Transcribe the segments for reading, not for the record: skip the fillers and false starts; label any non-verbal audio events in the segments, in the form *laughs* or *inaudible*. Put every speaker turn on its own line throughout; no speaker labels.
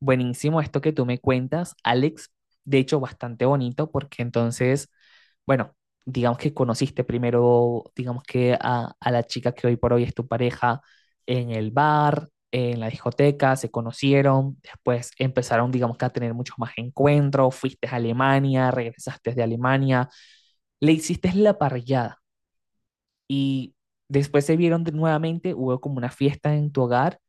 Buenísimo esto que tú me cuentas, Alex. De hecho, bastante bonito porque entonces, bueno, digamos que conociste primero, digamos que a la chica que hoy por hoy es tu pareja en el bar, en la discoteca, se conocieron, después empezaron, digamos que a tener muchos más encuentros, fuiste a Alemania, regresaste de Alemania, le hiciste la parrillada y después se vieron nuevamente, hubo como una fiesta en tu hogar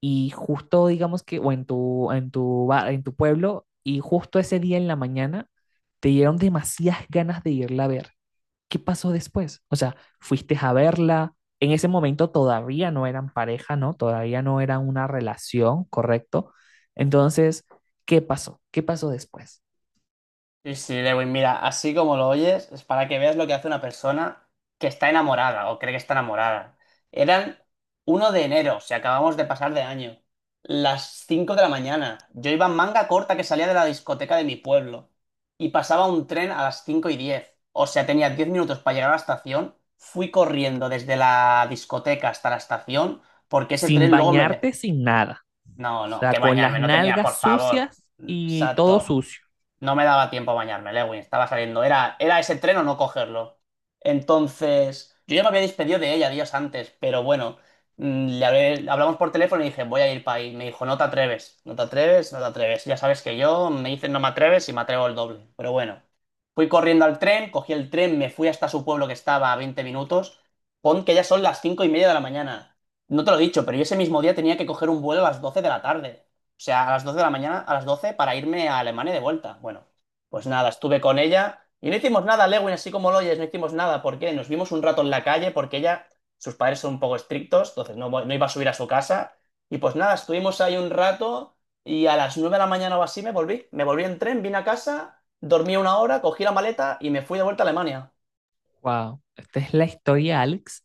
y justo digamos que, o en tu pueblo, y justo ese día en la mañana te dieron demasiadas ganas de irla a ver. ¿Qué pasó después? O sea, fuiste a verla, en ese momento todavía no eran pareja, ¿no? Todavía no era una relación, ¿correcto? Entonces, ¿qué pasó? ¿Qué pasó después?
Sí, sí, Lewin, mira, así como lo oyes, es para que veas lo que hace una persona que está enamorada o cree que está enamorada. Eran 1 de enero, si acabamos de pasar de año, las 5 de la mañana. Yo iba en manga corta que salía de la discoteca de mi pueblo y pasaba un tren a las 5:10. O sea, tenía 10 minutos para llegar a la estación. Fui corriendo desde la discoteca hasta la estación porque ese
Sin
tren luego.
bañarte, sin nada. O
No, no,
sea,
que
con las
bañarme, no tenía,
nalgas
por favor.
sucias y todo
Exacto.
sucio.
No me daba tiempo a bañarme, Lewin, estaba saliendo. Era ese tren o no cogerlo. Entonces, yo ya me había despedido de ella días antes, pero bueno, hablamos por teléfono y dije, voy a ir para ahí. Me dijo, no te atreves, no te atreves, no te atreves. Ya sabes que yo me dicen no me atreves y me atrevo el doble. Pero bueno, fui corriendo al tren, cogí el tren, me fui hasta su pueblo que estaba a 20 minutos. Pon que ya son las 5:30 de la mañana. No te lo he dicho, pero yo ese mismo día tenía que coger un vuelo a las 12 de la tarde. O sea, a las 12 de la mañana, a las 12 para irme a Alemania de vuelta. Bueno, pues nada, estuve con ella y no hicimos nada, Lewin, así como lo oyes, no hicimos nada. ¿Por qué? Nos vimos un rato en la calle porque ella, sus padres son un poco estrictos, entonces no, no iba a subir a su casa. Y pues nada, estuvimos ahí un rato y a las 9 de la mañana o así me volví. Me volví en tren, vine a casa, dormí una hora, cogí la maleta y me fui de vuelta a Alemania.
Wow, esta es la historia, Alex,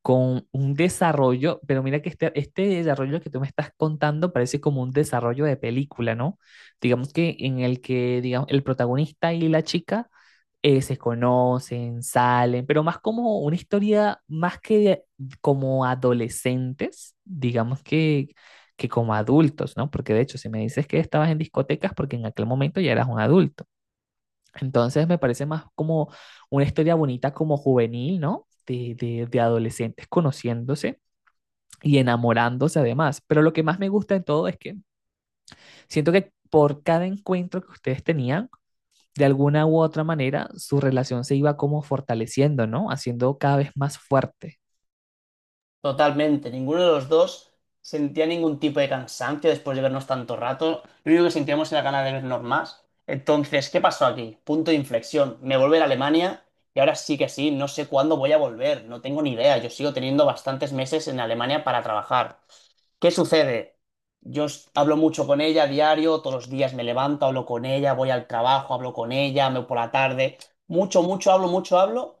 con un desarrollo, pero mira que este desarrollo que tú me estás contando parece como un desarrollo de película, ¿no? Digamos que en el que, digamos, el protagonista y la chica se conocen, salen, pero más como una historia, más como adolescentes, digamos que como adultos, ¿no? Porque de hecho, si me dices que estabas en discotecas, porque en aquel momento ya eras un adulto. Entonces me parece más como una historia bonita como juvenil, ¿no? De adolescentes conociéndose y enamorándose además. Pero lo que más me gusta de todo es que siento que por cada encuentro que ustedes tenían, de alguna u otra manera, su relación se iba como fortaleciendo, ¿no? Haciendo cada vez más fuerte.
Totalmente, ninguno de los dos sentía ningún tipo de cansancio después de vernos tanto rato. Lo único que sentíamos era ganas de vernos más. Entonces, ¿qué pasó aquí? Punto de inflexión. Me volví a Alemania y ahora sí que sí, no sé cuándo voy a volver, no tengo ni idea. Yo sigo teniendo bastantes meses en Alemania para trabajar. ¿Qué sucede? Yo hablo mucho con ella a diario, todos los días me levanto, hablo con ella, voy al trabajo, hablo con ella, me voy por la tarde. Mucho, mucho hablo, mucho hablo.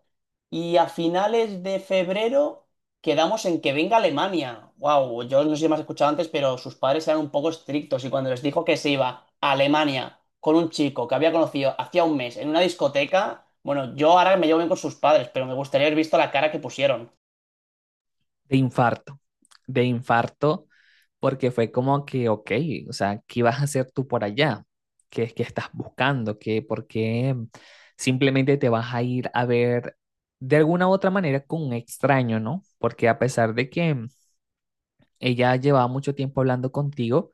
Y a finales de febrero. Quedamos en que venga Alemania. Wow, yo no sé si me has escuchado antes, pero sus padres eran un poco estrictos y cuando les dijo que se iba a Alemania con un chico que había conocido hacía un mes en una discoteca, bueno, yo ahora me llevo bien con sus padres, pero me gustaría haber visto la cara que pusieron.
De infarto, de infarto, porque fue como que, ok, o sea, ¿qué vas a hacer tú por allá? ¿Qué es que estás buscando? ¿Qué, por qué simplemente te vas a ir a ver de alguna u otra manera con un extraño, no? Porque a pesar de que ella llevaba mucho tiempo hablando contigo,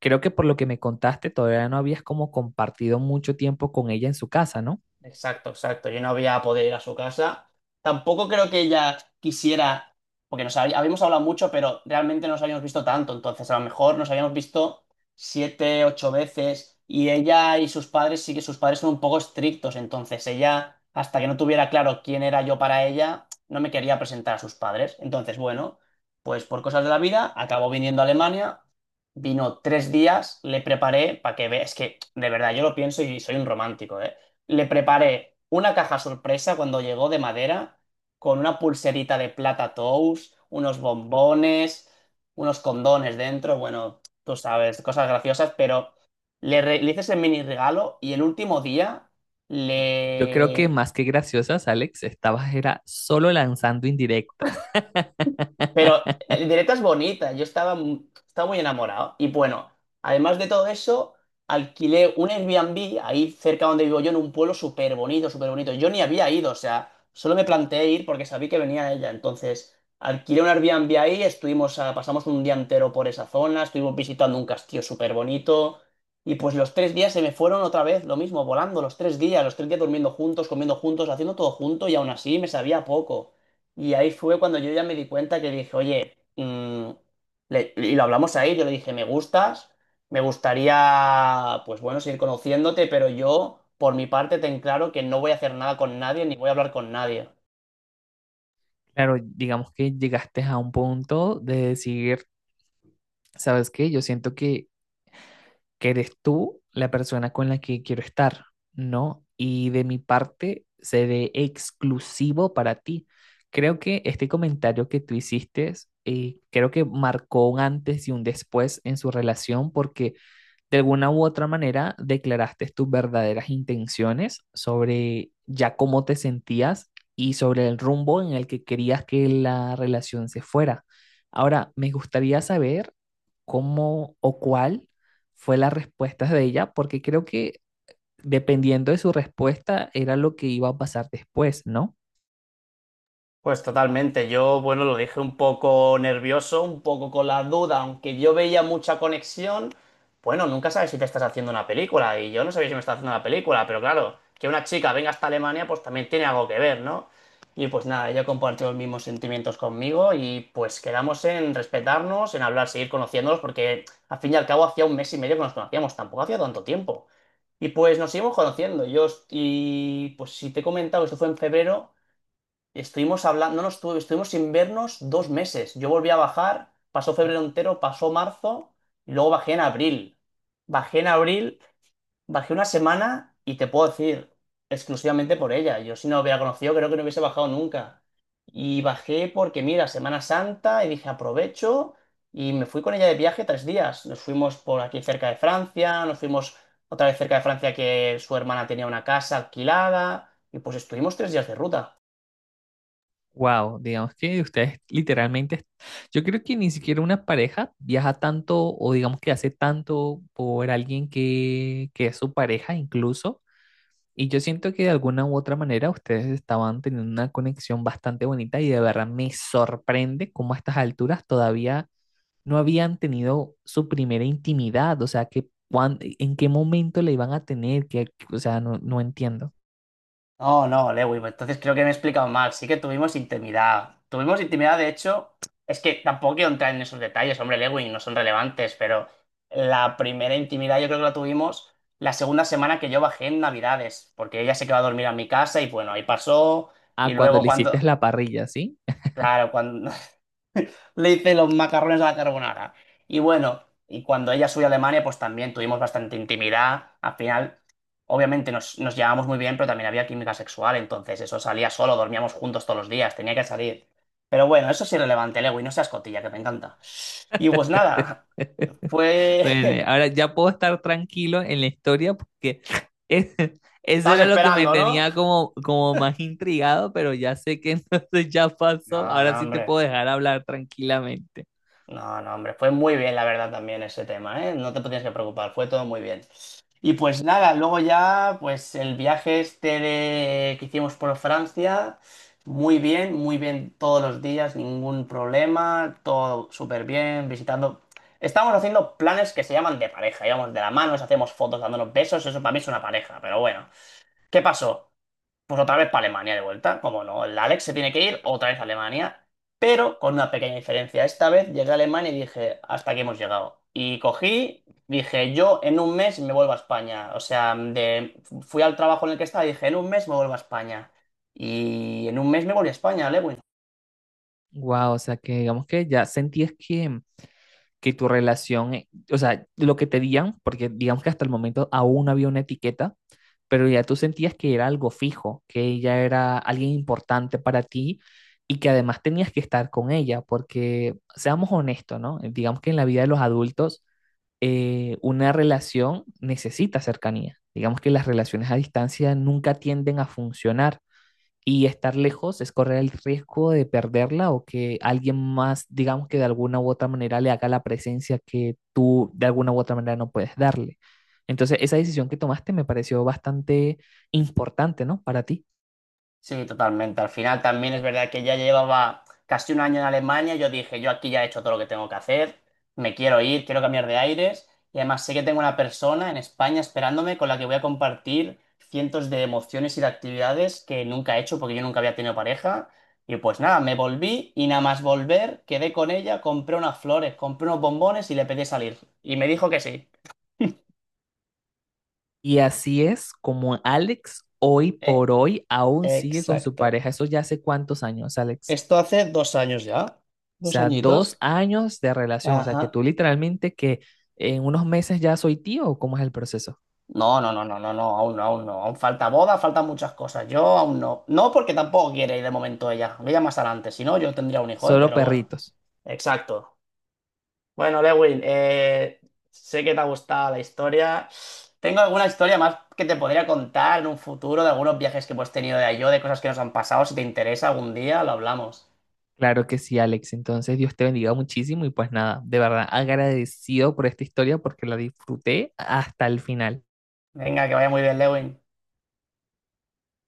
creo que por lo que me contaste, todavía no habías como compartido mucho tiempo con ella en su casa, ¿no?
Exacto, exacto. Yo no había podido ir a su casa. Tampoco creo que ella quisiera, porque nos habíamos hablado mucho, pero realmente no nos habíamos visto tanto. Entonces, a lo mejor nos habíamos visto 7, 8 veces. Y ella y sus padres, sí que sus padres son un poco estrictos. Entonces, ella, hasta que no tuviera claro quién era yo para ella, no me quería presentar a sus padres. Entonces, bueno, pues por cosas de la vida, acabó viniendo a Alemania. Vino 3 días, le preparé para que vea. Es que, de verdad, yo lo pienso y soy un romántico, ¿eh? Le preparé una caja sorpresa cuando llegó de madera, con una pulserita de plata tous, unos bombones, unos condones dentro, bueno, tú sabes, cosas graciosas, pero le hice ese mini regalo y el último día
Yo creo que
le,
más que graciosas, Alex, estabas era solo lanzando indirectas.
Pero el directo es bonita, yo estaba muy enamorado. Y bueno, además de todo eso, alquilé un Airbnb ahí cerca donde vivo yo, en un pueblo súper bonito, súper bonito. Yo ni había ido, o sea, solo me planteé ir porque sabía que venía ella. Entonces, alquilé un Airbnb ahí, estuvimos pasamos un día entero por esa zona, estuvimos visitando un castillo súper bonito. Y pues los 3 días se me fueron otra vez, lo mismo, volando los 3 días, los 3 días durmiendo juntos, comiendo juntos, haciendo todo junto y aún así me sabía poco. Y ahí fue cuando yo ya me di cuenta que dije, oye, y lo hablamos ahí, yo le dije, me gustas, me gustaría, pues bueno, seguir conociéndote, pero yo, por mi parte, ten claro que no voy a hacer nada con nadie, ni voy a hablar con nadie.
Claro, digamos que llegaste a un punto de decir, ¿sabes qué? Yo siento que eres tú la persona con la que quiero estar, ¿no? Y de mi parte, seré exclusivo para ti. Creo que este comentario que tú hiciste, creo que marcó un antes y un después en su relación porque de alguna u otra manera declaraste tus verdaderas intenciones sobre ya cómo te sentías y sobre el rumbo en el que querías que la relación se fuera. Ahora, me gustaría saber cómo o cuál fue la respuesta de ella, porque creo que dependiendo de su respuesta era lo que iba a pasar después, ¿no?
Pues totalmente. Yo, bueno, lo dije un poco nervioso, un poco con la duda, aunque yo veía mucha conexión. Bueno, nunca sabes si te estás haciendo una película, y yo no sabía si me estaba haciendo una película, pero claro, que una chica venga hasta Alemania, pues también tiene algo que ver, ¿no? Y pues nada, ella compartió los mismos sentimientos conmigo y pues quedamos en respetarnos, en hablar, seguir conociéndonos, porque al fin y al cabo hacía un mes y medio que nos conocíamos, tampoco hacía tanto tiempo. Y pues nos seguimos conociendo. Y pues si te he comentado, esto fue en febrero. Estuvimos hablando, no nos estuvimos sin vernos 2 meses. Yo volví a bajar, pasó febrero entero, pasó marzo y luego bajé en abril. Bajé en abril, bajé una semana y te puedo decir, exclusivamente por ella. Yo si no la hubiera conocido, creo que no hubiese bajado nunca. Y bajé porque, mira, Semana Santa y dije, aprovecho y me fui con ella de viaje 3 días. Nos fuimos por aquí cerca de Francia, nos fuimos otra vez cerca de Francia que su hermana tenía una casa alquilada y pues estuvimos 3 días de ruta.
Wow, digamos que ustedes literalmente, yo creo que ni siquiera una pareja viaja tanto o digamos que hace tanto por alguien que es su pareja incluso. Y yo siento que de alguna u otra manera ustedes estaban teniendo una conexión bastante bonita y de verdad me sorprende cómo a estas alturas todavía no habían tenido su primera intimidad, o sea, que en qué momento la iban a tener, que, o sea, no, no entiendo.
No, no, Lewy, pues entonces creo que me he explicado mal. Sí que tuvimos intimidad. Tuvimos intimidad, de hecho, es que tampoco quiero entrar en esos detalles, hombre, Lewy, no son relevantes, pero la primera intimidad yo creo que la tuvimos la segunda semana que yo bajé en Navidades, porque ella se quedó a dormir a mi casa y bueno, ahí pasó. Y
Ah, cuando
luego
le
cuando,
hiciste la parrilla, ¿sí?
claro, cuando le hice los macarrones a la carbonara. Y bueno, y cuando ella subió a Alemania, pues también tuvimos bastante intimidad. Al final, obviamente nos llevábamos muy bien, pero también había química sexual, entonces eso salía solo, dormíamos juntos todos los días, tenía que salir. Pero bueno, eso es irrelevante, Lewis, no seas cotilla, que me encanta. Y pues nada,
*laughs*
fue.
Bueno,
*laughs*
ahora ya puedo estar tranquilo en la historia porque es- eso
Estabas
era lo que me
esperando, ¿no?
tenía como más intrigado, pero ya sé que *laughs* entonces ya pasó.
No, no,
Ahora sí te
hombre.
puedo dejar hablar tranquilamente.
No, no, hombre, fue muy bien, la verdad, también ese tema, ¿eh? No te tienes que preocupar, fue todo muy bien. Y pues nada, luego ya, pues el viaje este que hicimos por Francia, muy bien todos los días, ningún problema, todo súper bien, visitando. Estamos haciendo planes que se llaman de pareja, íbamos de la mano, nos hacemos fotos dándonos besos, eso para mí es una pareja, pero bueno. ¿Qué pasó? Pues otra vez para Alemania de vuelta. Como no, el Alex se tiene que ir otra vez a Alemania, pero con una pequeña diferencia. Esta vez llegué a Alemania y dije, hasta aquí hemos llegado. Y cogí, dije, yo en un mes me vuelvo a España. O sea, fui al trabajo en el que estaba y dije, en un mes me vuelvo a España. Y en un mes me volví a España, Lewin.
Wow, o sea que digamos que ya sentías que tu relación, o sea, lo que te digan, porque digamos que hasta el momento aún no había una etiqueta, pero ya tú sentías que era algo fijo, que ella era alguien importante para ti y que además tenías que estar con ella, porque seamos honestos, ¿no? Digamos que en la vida de los adultos una relación necesita cercanía. Digamos que las relaciones a distancia nunca tienden a funcionar. Y estar lejos es correr el riesgo de perderla o que alguien más, digamos que de alguna u otra manera le haga la presencia que tú de alguna u otra manera no puedes darle. Entonces, esa decisión que tomaste me pareció bastante importante, ¿no? Para ti.
Sí, totalmente. Al final también es verdad que ya llevaba casi un año en Alemania. Yo dije, yo aquí ya he hecho todo lo que tengo que hacer, me quiero ir, quiero cambiar de aires. Y además sé que tengo una persona en España esperándome con la que voy a compartir cientos de emociones y de actividades que nunca he hecho porque yo nunca había tenido pareja. Y pues nada, me volví y nada más volver, quedé con ella, compré unas flores, compré unos bombones y le pedí salir. Y me dijo que sí.
Y así es como Alex hoy
Eh,
por hoy aún sigue con su
exacto.
pareja. Eso ya hace cuántos años, Alex.
Esto hace 2 años ya.
O
Dos
sea, dos
añitos.
años de relación. O sea, que
Ajá.
tú literalmente que en unos meses ya soy tío o cómo es el proceso.
No, no, no, no, no, no, aún no, aún no. Aún falta boda, faltan muchas cosas. Yo aún no. No porque tampoco quiere ir de momento ella. Ella más adelante. Si no, yo tendría un hijo, ¿eh?
Solo
Pero bueno.
perritos.
Exacto. Bueno, Lewin, sé que te ha gustado la historia. Tengo alguna historia más que te podría contar en un futuro de algunos viajes que hemos tenido de cosas que nos han pasado. Si te interesa algún día, lo hablamos.
Claro que sí, Alex. Entonces, Dios te bendiga muchísimo y pues nada, de verdad agradecido por esta historia porque la disfruté hasta el final.
Venga, que vaya muy bien, Lewin.